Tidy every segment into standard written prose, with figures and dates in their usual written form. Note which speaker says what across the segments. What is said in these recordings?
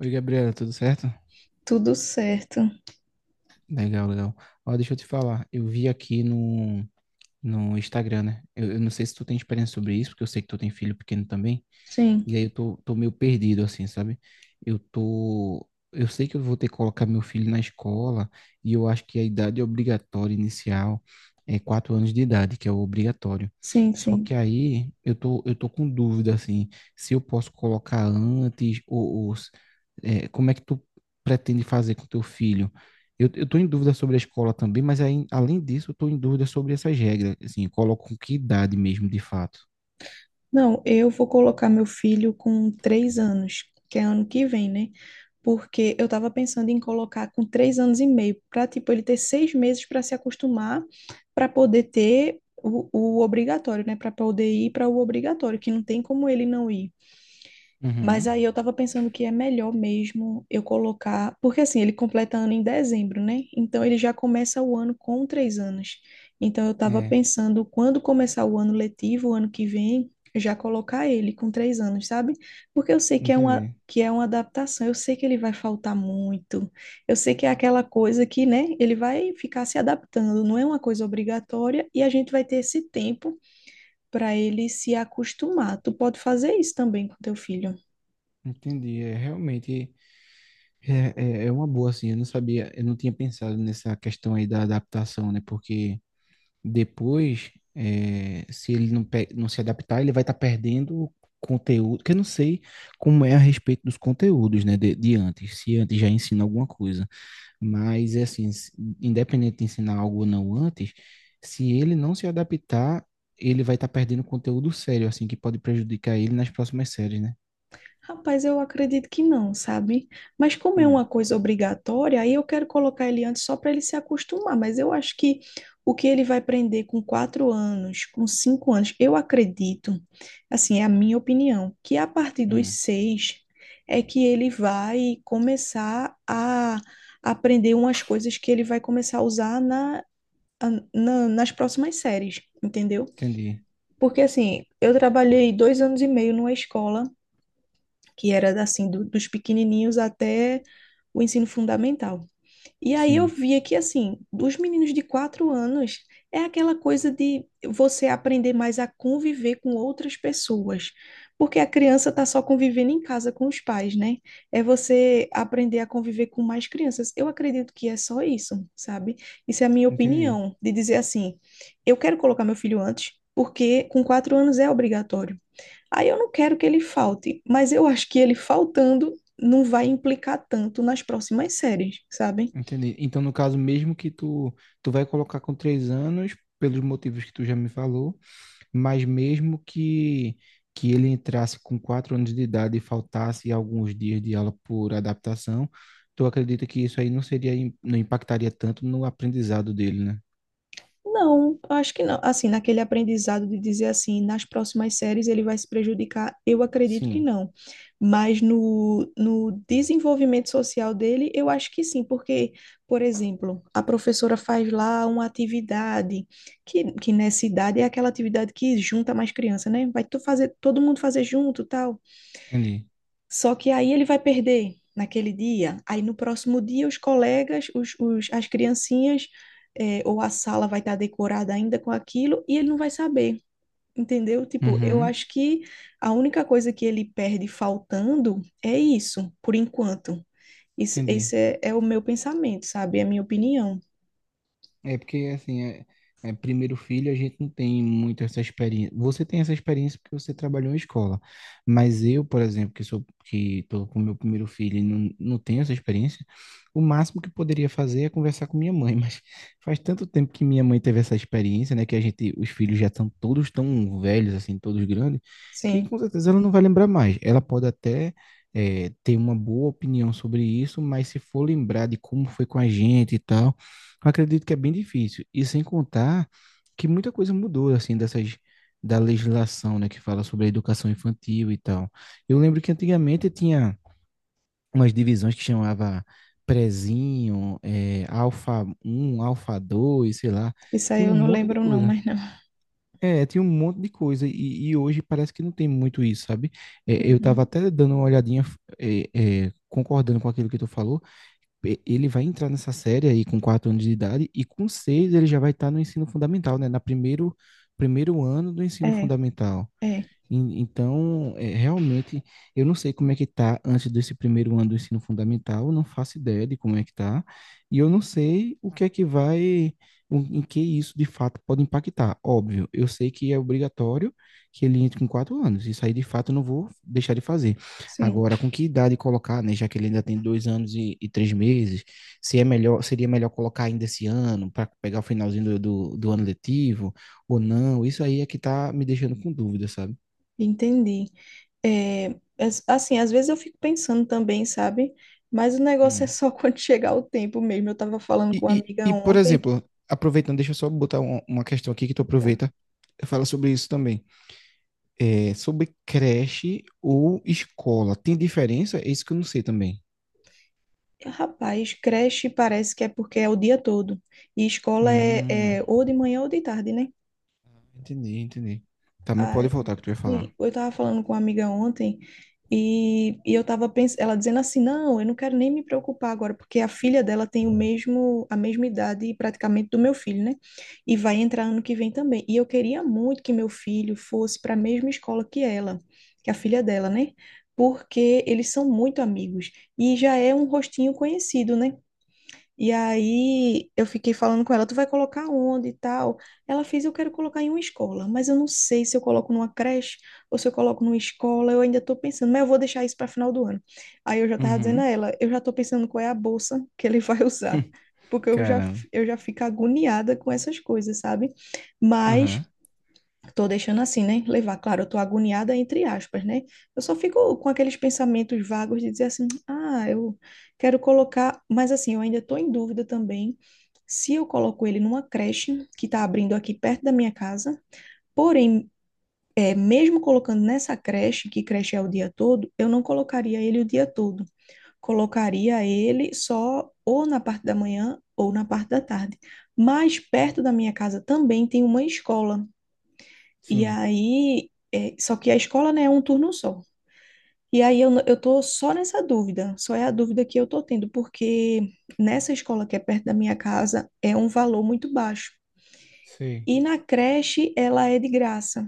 Speaker 1: Oi, Gabriela, tudo certo?
Speaker 2: Tudo certo.
Speaker 1: Legal, legal. Ó, deixa eu te falar, eu vi aqui no Instagram, né? Eu não sei se tu tem experiência sobre isso, porque eu sei que tu tem filho pequeno também.
Speaker 2: Sim,
Speaker 1: E aí eu tô meio perdido, assim, sabe? Eu tô. Eu sei que eu vou ter que colocar meu filho na escola, e eu acho que a idade obrigatória inicial é 4 anos de idade, que é o obrigatório.
Speaker 2: sim,
Speaker 1: Só
Speaker 2: sim.
Speaker 1: que aí eu tô com dúvida, assim, se eu posso colocar antes, ou se- é, como é que tu pretende fazer com teu filho? Eu tô em dúvida sobre a escola também, mas aí, além disso, eu tô em dúvida sobre essas regras, assim, eu coloco com que idade mesmo, de fato.
Speaker 2: Não, eu vou colocar meu filho com 3 anos, que é ano que vem, né? Porque eu tava pensando em colocar com 3 anos e meio, para tipo, ele ter 6 meses para se acostumar, para poder ter o obrigatório, né? Para poder ir para o obrigatório, que não tem como ele não ir. Mas
Speaker 1: Uhum.
Speaker 2: aí eu tava pensando que é melhor mesmo eu colocar. Porque assim, ele completa ano em dezembro, né? Então ele já começa o ano com 3 anos. Então eu tava
Speaker 1: É,
Speaker 2: pensando, quando começar o ano letivo, o ano que vem, já colocar ele com 3 anos, sabe? Porque eu sei que é uma,
Speaker 1: entendi.
Speaker 2: que é uma adaptação, eu sei que ele vai faltar muito. Eu sei que é aquela coisa que, né, ele vai ficar se adaptando, não é uma coisa obrigatória, e a gente vai ter esse tempo para ele se acostumar. Tu pode fazer isso também com teu filho.
Speaker 1: Entendi, é realmente, é, é uma boa assim. Eu não sabia, eu não tinha pensado nessa questão aí da adaptação, né? Porque depois, se ele não, não se adaptar, ele vai estar perdendo conteúdo. Que eu não sei como é a respeito dos conteúdos, né? De antes, se antes já ensina alguma coisa, mas é assim, independente de ensinar algo ou não antes, se ele não se adaptar, ele vai estar perdendo conteúdo sério, assim, que pode prejudicar ele nas próximas séries, né?
Speaker 2: Rapaz, eu acredito que não, sabe? Mas como é uma
Speaker 1: Hum,
Speaker 2: coisa obrigatória, aí eu quero colocar ele antes só para ele se acostumar. Mas eu acho que o que ele vai aprender com 4 anos, com 5 anos, eu acredito, assim, é a minha opinião, que a partir dos
Speaker 1: hum,
Speaker 2: seis é que ele vai começar a aprender umas coisas que ele vai começar a usar nas próximas séries, entendeu?
Speaker 1: entendi.
Speaker 2: Porque assim, eu trabalhei 2 anos e meio numa escola que era assim dos pequenininhos até o ensino fundamental. E aí eu
Speaker 1: Sim,
Speaker 2: via que assim, dos meninos de 4 anos é aquela coisa de você aprender mais a conviver com outras pessoas, porque a criança está só convivendo em casa com os pais, né? É você aprender a conviver com mais crianças. Eu acredito que é só isso, sabe? Isso é a minha
Speaker 1: entendi.
Speaker 2: opinião, de dizer assim, eu quero colocar meu filho antes, porque com 4 anos é obrigatório. Aí eu não quero que ele falte, mas eu acho que ele faltando não vai implicar tanto nas próximas séries, sabem?
Speaker 1: Entendi. Então, no caso, mesmo que tu vai colocar com 3 anos, pelos motivos que tu já me falou, mas mesmo que ele entrasse com 4 anos de idade e faltasse alguns dias de aula por adaptação, tu acredita que isso aí não seria, não impactaria tanto no aprendizado dele, né?
Speaker 2: Não, eu acho que não. Assim, naquele aprendizado de dizer assim, nas próximas séries ele vai se prejudicar, eu acredito que
Speaker 1: Sim,
Speaker 2: não. Mas no desenvolvimento social dele, eu acho que sim, porque, por exemplo, a professora faz lá uma atividade, que nessa idade é aquela atividade que junta mais criança, né? Vai tu fazer, todo mundo fazer junto, tal.
Speaker 1: entendi.
Speaker 2: Só que aí ele vai perder naquele dia. Aí no próximo dia, os colegas, as criancinhas, ou a sala vai estar decorada ainda com aquilo e ele não vai saber, entendeu? Tipo, eu
Speaker 1: Uhum,
Speaker 2: acho que a única coisa que ele perde faltando é isso, por enquanto. Isso,
Speaker 1: entendi.
Speaker 2: esse é o meu pensamento, sabe? É a minha opinião.
Speaker 1: É porque, assim, é primeiro filho, a gente não tem muito essa experiência. Você tem essa experiência porque você trabalhou em escola. Mas eu, por exemplo, que sou que estou com meu primeiro filho e não tenho essa experiência, o máximo que poderia fazer é conversar com minha mãe. Mas faz tanto tempo que minha mãe teve essa experiência, né? Que a gente, os filhos já estão todos tão velhos, assim, todos grandes, que
Speaker 2: Sim.
Speaker 1: com certeza ela não vai lembrar mais. Ela pode até ter uma boa opinião sobre isso, mas se for lembrar de como foi com a gente e tal. Acredito que é bem difícil. E sem contar que muita coisa mudou, assim, dessas da legislação, né, que fala sobre a educação infantil e tal. Eu lembro que antigamente tinha umas divisões que chamava prezinho, alfa um, alfa 2, sei lá.
Speaker 2: Isso aí
Speaker 1: Tinha um
Speaker 2: eu não
Speaker 1: monte de
Speaker 2: lembro, não,
Speaker 1: coisa.
Speaker 2: mas não.
Speaker 1: É, tinha um monte de coisa. E hoje parece que não tem muito isso, sabe? É, eu tava
Speaker 2: Uhum.
Speaker 1: até dando uma olhadinha, concordando com aquilo que tu falou. Ele vai entrar nessa série aí com 4 anos de idade e com seis ele já vai estar no ensino fundamental, né? Primeiro ano do ensino
Speaker 2: É,
Speaker 1: fundamental.
Speaker 2: é,
Speaker 1: Então, realmente, eu não sei como é que tá antes desse primeiro ano do ensino fundamental. Eu não faço ideia de como é que tá, e eu não sei o que é que vai, em que isso de fato pode impactar. Óbvio, eu sei que é obrigatório que ele entre com 4 anos, isso aí de fato eu não vou deixar de fazer.
Speaker 2: sim.
Speaker 1: Agora, com que idade colocar, né, já que ele ainda tem 2 anos e 3 meses, se é melhor, seria melhor colocar ainda esse ano, para pegar o finalzinho do, do ano letivo, ou não, isso aí é que tá me deixando com dúvida, sabe?
Speaker 2: Entendi. É, assim, às vezes eu fico pensando também, sabe? Mas o negócio é
Speaker 1: Hum.
Speaker 2: só quando chegar o tempo mesmo. Eu tava falando com uma amiga
Speaker 1: Por
Speaker 2: ontem.
Speaker 1: exemplo, aproveitando, deixa eu só botar uma questão aqui que tu
Speaker 2: Tá?
Speaker 1: aproveita. Fala sobre isso também. É, sobre creche ou escola. Tem diferença? É isso que eu não sei também.
Speaker 2: Rapaz, creche parece que é porque é o dia todo. E escola é,
Speaker 1: Hum.
Speaker 2: é ou de manhã ou de tarde, né?
Speaker 1: Entendi, entendi. Tá, mas pode voltar que tu ia falar.
Speaker 2: Sim, eu estava falando com uma amiga ontem e eu estava pensando, ela dizendo assim, não, eu não quero nem me preocupar agora, porque a filha dela tem o mesmo, a mesma idade praticamente do meu filho, né? E vai entrar ano que vem também. E eu queria muito que meu filho fosse para a mesma escola que ela, que a filha dela, né? Porque eles são muito amigos e já é um rostinho conhecido, né? E aí eu fiquei falando com ela, tu vai colocar onde e tal? Ela fez, eu quero colocar em uma escola, mas eu não sei se eu coloco numa creche ou se eu coloco numa escola, eu ainda estou pensando, mas eu vou deixar isso para final do ano. Aí eu já estava dizendo a
Speaker 1: Uhum.
Speaker 2: ela, eu já estou pensando qual é a bolsa que ele vai usar, porque eu já,
Speaker 1: Caramba.
Speaker 2: eu já fico agoniada com essas coisas, sabe? Mas
Speaker 1: Aham.
Speaker 2: tô deixando assim, né? Levar, claro, eu tô agoniada entre aspas, né? Eu só fico com aqueles pensamentos vagos de dizer assim, ah, eu quero colocar, mas assim, eu ainda tô em dúvida também se eu coloco ele numa creche que tá abrindo aqui perto da minha casa. Porém, mesmo colocando nessa creche, que creche é o dia todo, eu não colocaria ele o dia todo. Colocaria ele só ou na parte da manhã ou na parte da tarde. Mas perto da minha casa também tem uma escola. E
Speaker 1: Sim,
Speaker 2: aí, só que a escola, né, é um turno só. E aí eu, eu tô só nessa dúvida, só é a dúvida que eu tô tendo, porque nessa escola que é perto da minha casa é um valor muito baixo.
Speaker 1: sei.
Speaker 2: E na creche ela é de graça.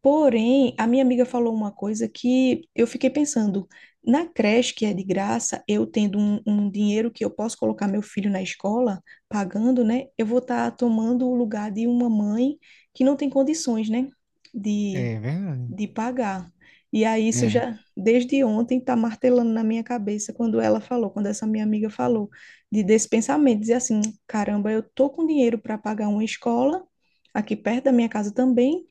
Speaker 2: Porém, a minha amiga falou uma coisa que eu fiquei pensando. Na creche que é de graça, eu tendo um dinheiro que eu posso colocar meu filho na escola, pagando, né? Eu vou estar tomando o lugar de uma mãe que não tem condições, né? de
Speaker 1: É verdade.
Speaker 2: de pagar. E aí isso
Speaker 1: É.
Speaker 2: já desde ontem está martelando na minha cabeça quando ela falou, quando essa minha amiga falou de desse pensamento, dizer assim, caramba, eu tô com dinheiro para pagar uma escola aqui perto da minha casa também,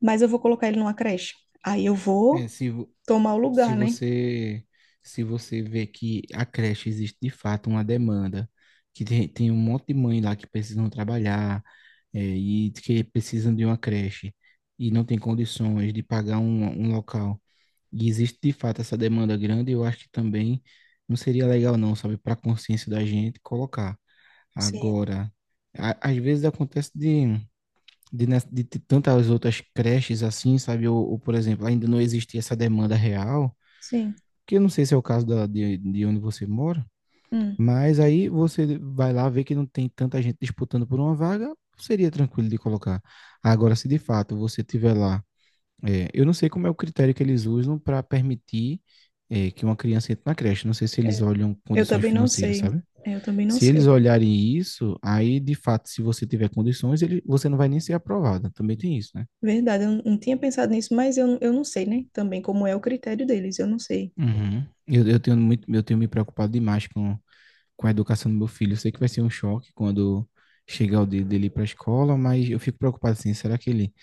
Speaker 2: mas eu vou colocar ele numa creche. Aí eu
Speaker 1: É,
Speaker 2: vou
Speaker 1: se,
Speaker 2: tomar o
Speaker 1: Se
Speaker 2: lugar, né?
Speaker 1: você, se você vê que a creche existe de fato uma demanda, que tem um monte de mãe lá que precisam trabalhar, e que precisam de uma creche, e não tem condições de pagar um local, e existe de fato essa demanda grande, eu acho que também não seria legal não, sabe, para a consciência da gente colocar.
Speaker 2: Sim,
Speaker 1: Agora, às vezes acontece de ter tantas outras creches assim, sabe? Por exemplo, ainda não existia essa demanda real,
Speaker 2: sim.
Speaker 1: que eu não sei se é o caso de onde você mora,
Speaker 2: Hum.
Speaker 1: mas aí você vai lá ver que não tem tanta gente disputando por uma vaga, seria tranquilo de colocar. Agora, se de fato você tiver lá, eu não sei como é o critério que eles usam para permitir, que uma criança entre na creche, não sei se eles
Speaker 2: É,
Speaker 1: olham
Speaker 2: eu
Speaker 1: condições
Speaker 2: também não
Speaker 1: financeiras,
Speaker 2: sei.
Speaker 1: sabe?
Speaker 2: Eu também não
Speaker 1: Se eles
Speaker 2: sei.
Speaker 1: olharem isso, aí de fato, se você tiver condições, ele, você não vai nem ser aprovada, também tem isso, né?
Speaker 2: Verdade, eu não tinha pensado nisso, mas eu não sei, né? Também como é o critério deles, eu não sei.
Speaker 1: Uhum. Eu tenho me preocupado demais com a educação do meu filho. Eu sei que vai ser um choque quando chegar o dia dele para a escola, mas eu fico preocupado assim, será que ele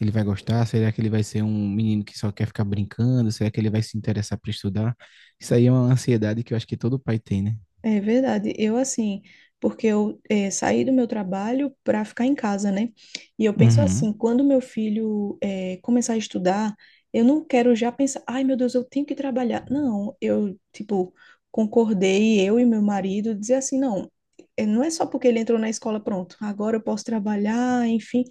Speaker 1: ele vai gostar? Será que ele vai ser um menino que só quer ficar brincando? Será que ele vai se interessar para estudar? Isso aí é uma ansiedade que eu acho que todo pai tem, né?
Speaker 2: É verdade. Eu, assim, porque eu saí do meu trabalho para ficar em casa, né? E eu penso
Speaker 1: Uhum.
Speaker 2: assim, quando meu filho começar a estudar, eu não quero já pensar, ai meu Deus, eu tenho que trabalhar. Não, eu, tipo, concordei, eu e meu marido, dizer assim, não, não é só porque ele entrou na escola, pronto, agora eu posso trabalhar, enfim.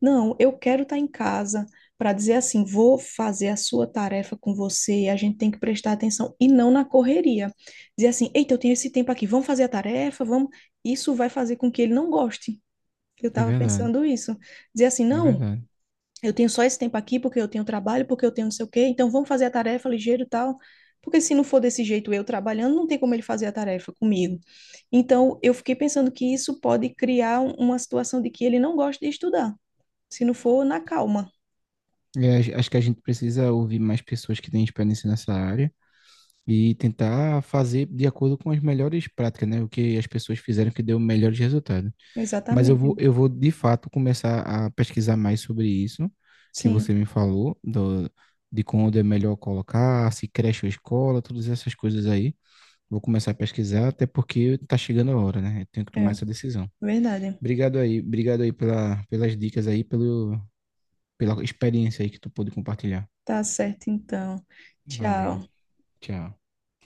Speaker 2: Não, eu quero estar em casa para dizer assim, vou fazer a sua tarefa com você, a gente tem que prestar atenção e não na correria dizer assim, eita, eu tenho esse tempo aqui, vamos fazer a tarefa, vamos. Isso vai fazer com que ele não goste. Eu
Speaker 1: É
Speaker 2: estava
Speaker 1: verdade,
Speaker 2: pensando isso. Dizer assim,
Speaker 1: é
Speaker 2: não,
Speaker 1: verdade.
Speaker 2: eu tenho só esse tempo aqui porque eu tenho trabalho, porque eu tenho não sei o quê, então vamos fazer a tarefa ligeiro e tal. Porque se não for desse jeito eu trabalhando, não tem como ele fazer a tarefa comigo. Então, eu fiquei pensando que isso pode criar uma situação de que ele não gosta de estudar, se não for na calma.
Speaker 1: É, acho que a gente precisa ouvir mais pessoas que têm experiência nessa área e tentar fazer de acordo com as melhores práticas, né? O que as pessoas fizeram que deu melhores resultados. Mas eu
Speaker 2: Exatamente.
Speaker 1: vou, eu vou de fato começar a pesquisar mais sobre isso que
Speaker 2: Sim,
Speaker 1: você me falou, do, de quando é melhor colocar, se creche ou escola, todas essas coisas aí. Vou começar a pesquisar, até porque tá chegando a hora, né? Eu tenho que tomar
Speaker 2: é
Speaker 1: essa decisão.
Speaker 2: verdade.
Speaker 1: Obrigado aí pelas dicas aí, pela experiência aí que tu pôde compartilhar.
Speaker 2: Tá certo, então.
Speaker 1: Valeu,
Speaker 2: Tchau.
Speaker 1: tchau.